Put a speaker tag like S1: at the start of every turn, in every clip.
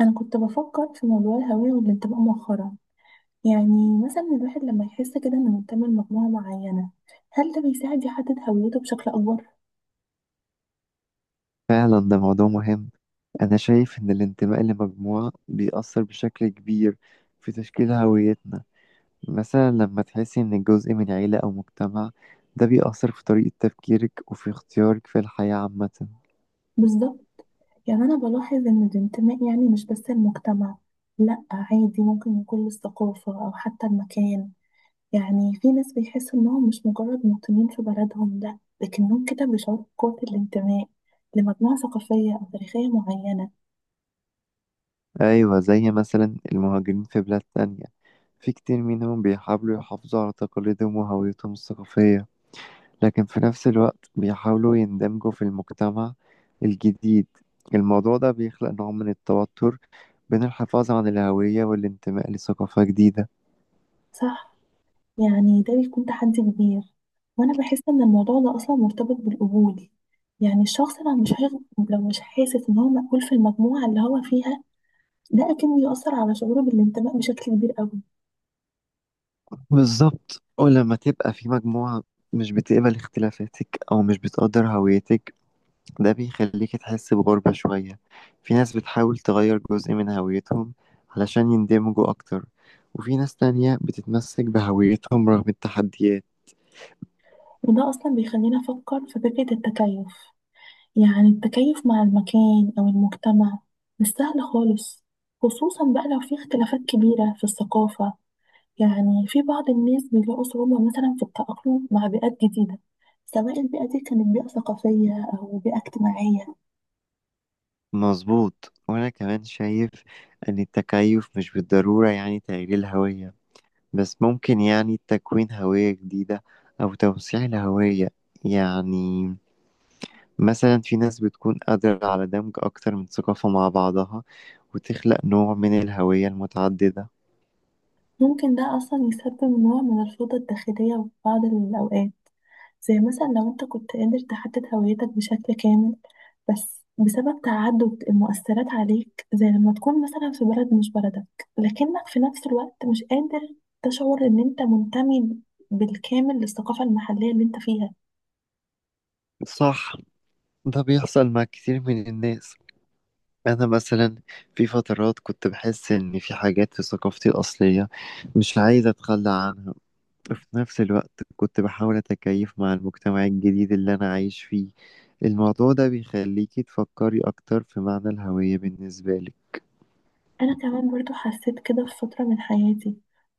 S1: انا كنت بفكر في موضوع الهوية والانتماء مؤخرا. يعني مثلا الواحد لما يحس كده انه منتمي لمجموعة معينة، هل ده بيساعد يحدد هويته بشكل اكبر؟
S2: فعلا ده موضوع مهم. أنا شايف إن الانتماء لمجموعة بيأثر بشكل كبير في تشكيل هويتنا. مثلا لما تحسي إنك جزء من عيلة أو مجتمع، ده بيأثر في طريقة تفكيرك وفي اختيارك في الحياة عامة.
S1: بالظبط. يعني انا بلاحظ ان الانتماء يعني مش بس المجتمع، لا عادي ممكن يكون للثقافة او حتى المكان. يعني في ناس بيحسوا انهم مش مجرد مواطنين في بلدهم، لا لكنهم كده بيشعروا بقوة الانتماء لمجموعة ثقافية او تاريخية معينة.
S2: أيوة، زي مثلا المهاجرين في بلاد تانية، في كتير منهم بيحاولوا يحافظوا على تقاليدهم وهويتهم الثقافية، لكن في نفس الوقت بيحاولوا يندمجوا في المجتمع الجديد. الموضوع ده بيخلق نوع من التوتر بين الحفاظ عن الهوية والانتماء لثقافة جديدة.
S1: صح، يعني ده بيكون تحدي كبير. وانا بحس ان الموضوع ده اصلا مرتبط بالقبول. يعني الشخص لو مش حاسس ان هو مقبول في المجموعه اللي هو فيها، ده اكيد بيأثر على شعوره بالانتماء بشكل كبير قوي.
S2: بالظبط، ولما تبقى في مجموعة مش بتقبل اختلافاتك أو مش بتقدر هويتك، ده بيخليك تحس بغربة شوية. في ناس بتحاول تغير جزء من هويتهم علشان يندمجوا أكتر، وفي ناس تانية بتتمسك بهويتهم رغم التحديات.
S1: وده اصلا بيخلينا نفكر في فكره التكيف. يعني التكيف مع المكان او المجتمع مش سهل خالص، خصوصا بقى لو في اختلافات كبيره في الثقافه. يعني في بعض الناس بيلاقوا صعوبة مثلا في التأقلم مع بيئات جديدة، سواء البيئة دي كانت بيئة ثقافية أو بيئة اجتماعية.
S2: مظبوط، وأنا كمان شايف أن التكيف مش بالضرورة يعني تغيير الهوية، بس ممكن يعني تكوين هوية جديدة أو توسيع الهوية. يعني مثلا في ناس بتكون قادرة على دمج أكتر من ثقافة مع بعضها، وتخلق نوع من الهوية المتعددة.
S1: ممكن ده أصلا يسبب نوع من الفوضى الداخلية في بعض الأوقات، زي مثلا لو أنت كنت قادر تحدد هويتك بشكل كامل بس بسبب تعدد المؤثرات عليك، زي لما تكون مثلا في بلد مش بلدك لكنك في نفس الوقت مش قادر تشعر إن أنت منتمي بالكامل للثقافة المحلية اللي أنت فيها.
S2: صح، ده بيحصل مع كتير من الناس. أنا مثلا في فترات كنت بحس إن في حاجات في ثقافتي الأصلية مش عايز أتخلى عنها، في نفس الوقت كنت بحاول أتكيف مع المجتمع الجديد اللي أنا عايش فيه. الموضوع ده بيخليكي تفكري أكتر في معنى الهوية بالنسبة لك.
S1: أنا كمان برضو حسيت كده في فترة من حياتي،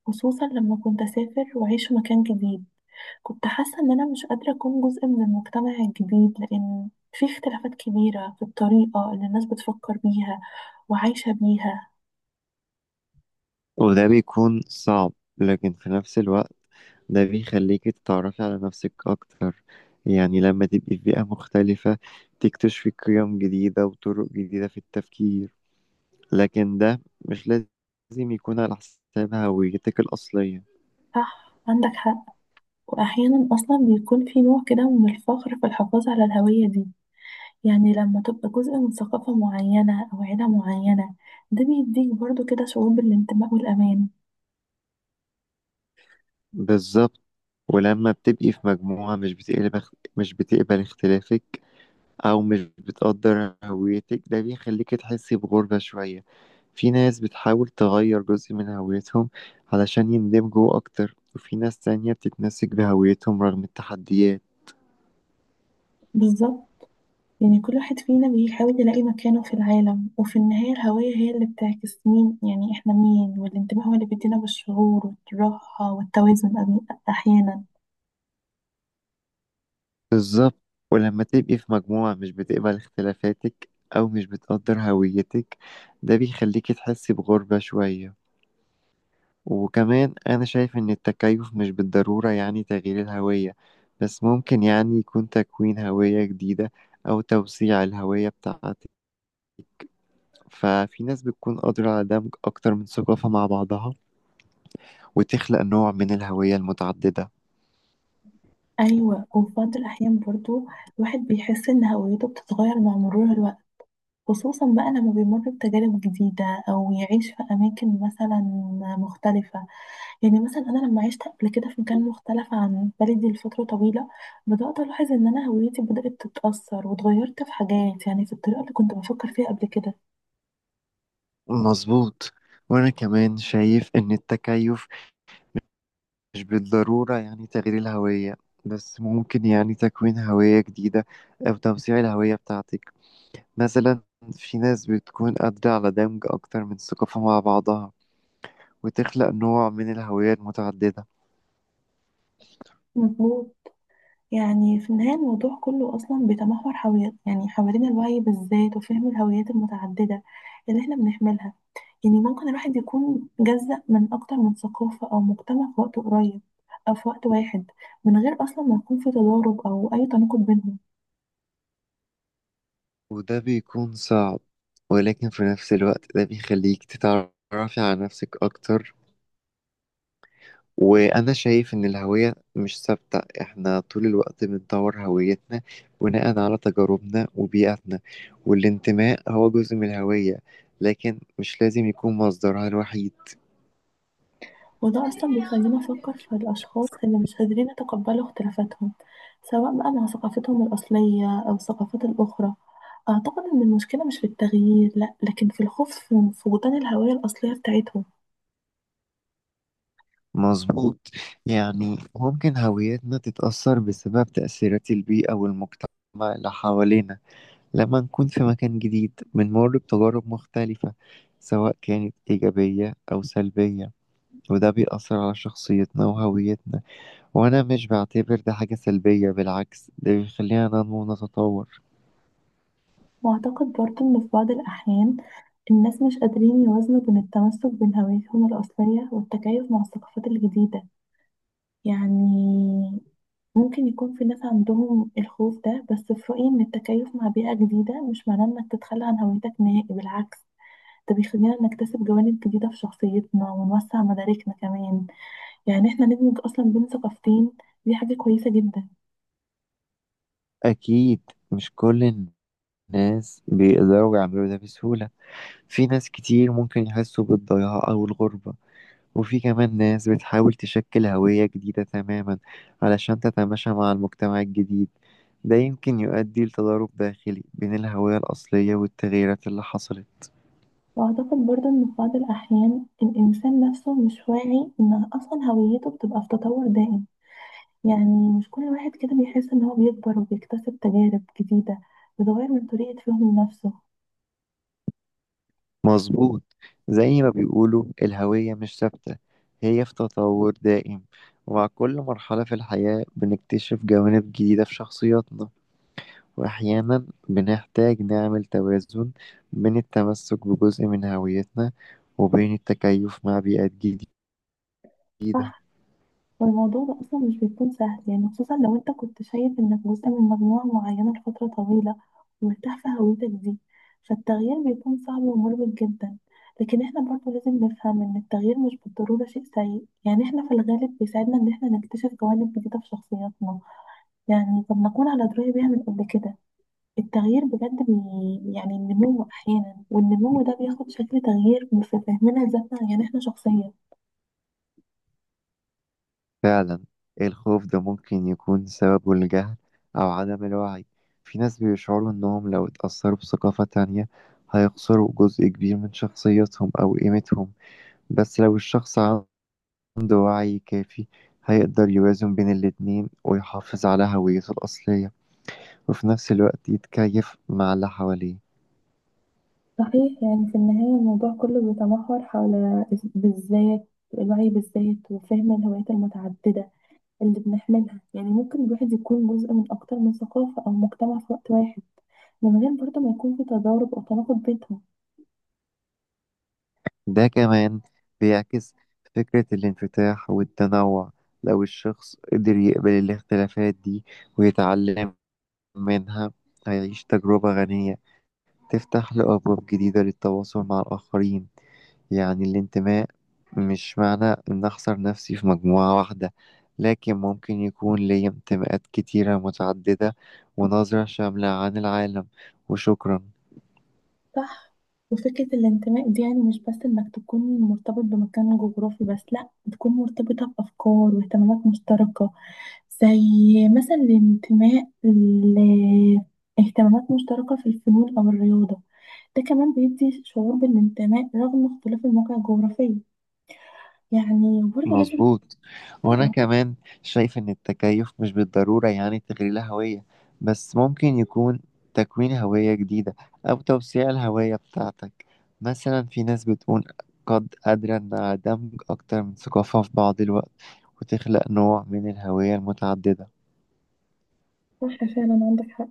S1: خصوصا لما كنت أسافر وأعيش في مكان جديد. كنت حاسة إن أنا مش قادرة أكون جزء من المجتمع الجديد لأن في اختلافات كبيرة في الطريقة اللي الناس بتفكر بيها وعايشة بيها.
S2: وده بيكون صعب، لكن في نفس الوقت ده بيخليكي تتعرفي على نفسك أكتر. يعني لما تبقي في بيئة مختلفة، تكتشفي قيم جديدة وطرق جديدة في التفكير، لكن ده مش لازم يكون على حساب هويتك الأصلية.
S1: صح، عندك حق. وأحيانا أصلا بيكون في نوع كده من الفخر في الحفاظ على الهوية دي. يعني لما تبقى جزء من ثقافة معينة أو عيلة معينة، ده بيديك برضو كده شعور بالانتماء والأمان.
S2: بالظبط، ولما بتبقي في مجموعة مش بتقبل اختلافك أو مش بتقدر هويتك، ده بيخليك تحسي بغربة شوية. في ناس بتحاول تغير جزء من هويتهم علشان يندمجوا أكتر، وفي ناس تانية بتتمسك بهويتهم رغم التحديات.
S1: بالظبط. يعني كل واحد فينا بيحاول يلاقي مكانه في العالم، وفي النهاية الهوية هي اللي بتعكس مين، يعني احنا مين، والانتباه هو اللي بيدينا بالشعور والراحة والتوازن أحيانا.
S2: بالظبط، ولما تبقي في مجموعة مش بتقبل اختلافاتك أو مش بتقدر هويتك، ده بيخليك تحسي بغربة شوية. وكمان أنا شايف إن التكيف مش بالضرورة يعني تغيير الهوية، بس ممكن يعني يكون تكوين هوية جديدة أو توسيع الهوية بتاعتك. ففي ناس بتكون قادرة على دمج أكتر من ثقافة مع بعضها، وتخلق نوع من الهوية المتعددة.
S1: أيوة، وفي بعض الأحيان برضو الواحد بيحس إن هويته بتتغير مع مرور الوقت، خصوصا بقى لما بيمر بتجارب جديدة أو يعيش في أماكن مثلا مختلفة. يعني مثلا انا لما عشت قبل كده في مكان مختلف عن بلدي لفتره طويله، بدات الاحظ ان انا هويتي بدات تتاثر واتغيرت في حاجات، يعني في الطريقه اللي كنت بفكر فيها قبل كده.
S2: مظبوط، وأنا كمان شايف إن التكيف مش بالضرورة يعني تغيير الهوية، بس ممكن يعني تكوين هوية جديدة أو توسيع الهوية بتاعتك. مثلا في ناس بتكون قادرة على دمج أكتر من ثقافة مع بعضها، وتخلق نوع من الهوية المتعددة.
S1: مظبوط. يعني في النهايه الموضوع كله اصلا بيتمحور حوالين، يعني حوالين الوعي بالذات وفهم الهويات المتعدده اللي احنا بنحملها. يعني ممكن الواحد يكون جزء من اكتر من ثقافه او مجتمع في وقت قريب او في وقت واحد، من غير اصلا ما يكون في تضارب او اي تناقض بينهم.
S2: وده بيكون صعب، ولكن في نفس الوقت ده بيخليك تتعرفي على نفسك أكتر. وأنا شايف إن الهوية مش ثابتة، إحنا طول الوقت بنطور هويتنا بناء على تجاربنا وبيئتنا. والانتماء هو جزء من الهوية، لكن مش لازم يكون مصدرها الوحيد.
S1: وده أصلا بيخلينا نفكر في الأشخاص اللي مش قادرين يتقبلوا اختلافاتهم، سواء بقى مع ثقافتهم الأصلية أو الثقافات الأخرى. أعتقد إن المشكلة مش في التغيير، لأ لكن في الخوف، في فقدان الهوية الأصلية بتاعتهم.
S2: مظبوط، يعني ممكن هويتنا تتأثر بسبب تأثيرات البيئة والمجتمع اللي حوالينا. لما نكون في مكان جديد بنمر بتجارب مختلفة، سواء كانت إيجابية أو سلبية، وده بيأثر على شخصيتنا وهويتنا. وأنا مش بعتبر ده حاجة سلبية، بالعكس ده بيخلينا ننمو ونتطور.
S1: وأعتقد برضه إن في بعض الأحيان الناس مش قادرين يوازنوا بين التمسك بين هويتهم الأصلية والتكيف مع الثقافات الجديدة. يعني ممكن يكون في ناس عندهم الخوف ده، بس في رأيي إن التكيف مع بيئة جديدة مش معناه إنك تتخلى عن هويتك نهائي، بالعكس ده بيخلينا نكتسب جوانب جديدة في شخصيتنا ونوسع مداركنا كمان. يعني إحنا ندمج أصلا بين ثقافتين، دي حاجة كويسة جدا.
S2: أكيد مش كل الناس بيقدروا يعملوا ده بسهولة. في ناس كتير ممكن يحسوا بالضياع أو الغربة، وفي كمان ناس بتحاول تشكل هوية جديدة تماما علشان تتماشى مع المجتمع الجديد. ده يمكن يؤدي لتضارب داخلي بين الهوية الأصلية والتغييرات اللي حصلت.
S1: وأعتقد برضه إن في بعض الأحيان الإنسان نفسه مش واعي إن أصلا هويته بتبقى في تطور دائم. يعني مش كل واحد كده بيحس إن هو بيكبر وبيكتسب تجارب جديدة بتغير من طريقة فهمه لنفسه.
S2: مظبوط، زي ما بيقولوا الهوية مش ثابتة، هي في تطور دائم. ومع كل مرحلة في الحياة بنكتشف جوانب جديدة في شخصياتنا، وأحيانا بنحتاج نعمل توازن بين التمسك بجزء من هويتنا وبين التكيف مع بيئات جديدة.
S1: صح. والموضوع ده أصلا مش بيكون سهل، يعني خصوصا لو أنت كنت شايف إنك جزء من مجموعة معينة لفترة طويلة ومرتاح في هويتك دي، فالتغيير بيكون صعب ومربك جدا. لكن احنا برضو لازم نفهم إن التغيير مش بالضرورة شيء سيء. يعني احنا في الغالب بيساعدنا إن احنا نكتشف جوانب جديدة في شخصياتنا، يعني طب نكون على دراية بيها من قبل كده. التغيير بجد يعني النمو أحيانا، والنمو ده بياخد شكل تغيير في فهمنا لذاتنا، يعني احنا شخصيا.
S2: فعلا، الخوف ده ممكن يكون سببه الجهل أو عدم الوعي. في ناس بيشعروا إنهم لو اتأثروا بثقافة تانية هيخسروا جزء كبير من شخصيتهم أو قيمتهم، بس لو الشخص عنده وعي كافي هيقدر يوازن بين الاتنين ويحافظ على هويته الأصلية، وفي نفس الوقت يتكيف مع اللي حواليه.
S1: صحيح. يعني في النهاية الموضوع كله بيتمحور حول بالذات الوعي بالذات وفهم الهويات المتعددة اللي بنحملها. يعني ممكن الواحد يكون جزء من أكتر من ثقافة أو مجتمع في وقت واحد، من غير برضه ما يكون في تضارب أو تناقض بينهم.
S2: ده كمان بيعكس فكرة الانفتاح والتنوع. لو الشخص قدر يقبل الاختلافات دي ويتعلم منها، هيعيش تجربة غنية تفتح له أبواب جديدة للتواصل مع الآخرين. يعني الانتماء مش معنى إن أحصر نفسي في مجموعة واحدة، لكن ممكن يكون لي انتماءات كتيرة متعددة، ونظرة شاملة عن العالم. وشكرا.
S1: صح. وفكرة الانتماء دي يعني مش بس إنك تكون مرتبط بمكان جغرافي بس، لأ تكون مرتبطة بأفكار واهتمامات مشتركة، زي مثلا الانتماء لاهتمامات مشتركة في الفنون أو الرياضة. ده كمان بيدي شعور بالانتماء رغم اختلاف المواقع الجغرافية. يعني وبرضه لازم
S2: مظبوط، وانا
S1: تبقى
S2: كمان شايف ان التكيف مش بالضرورة يعني تغيير الهوية، بس ممكن يكون تكوين هوية جديدة او توسيع الهوية بتاعتك. مثلا في ناس بتكون قادرة انها دمج اكتر من ثقافة في بعض الوقت، وتخلق نوع من الهوية المتعددة.
S1: صح. فعلا عندك حق.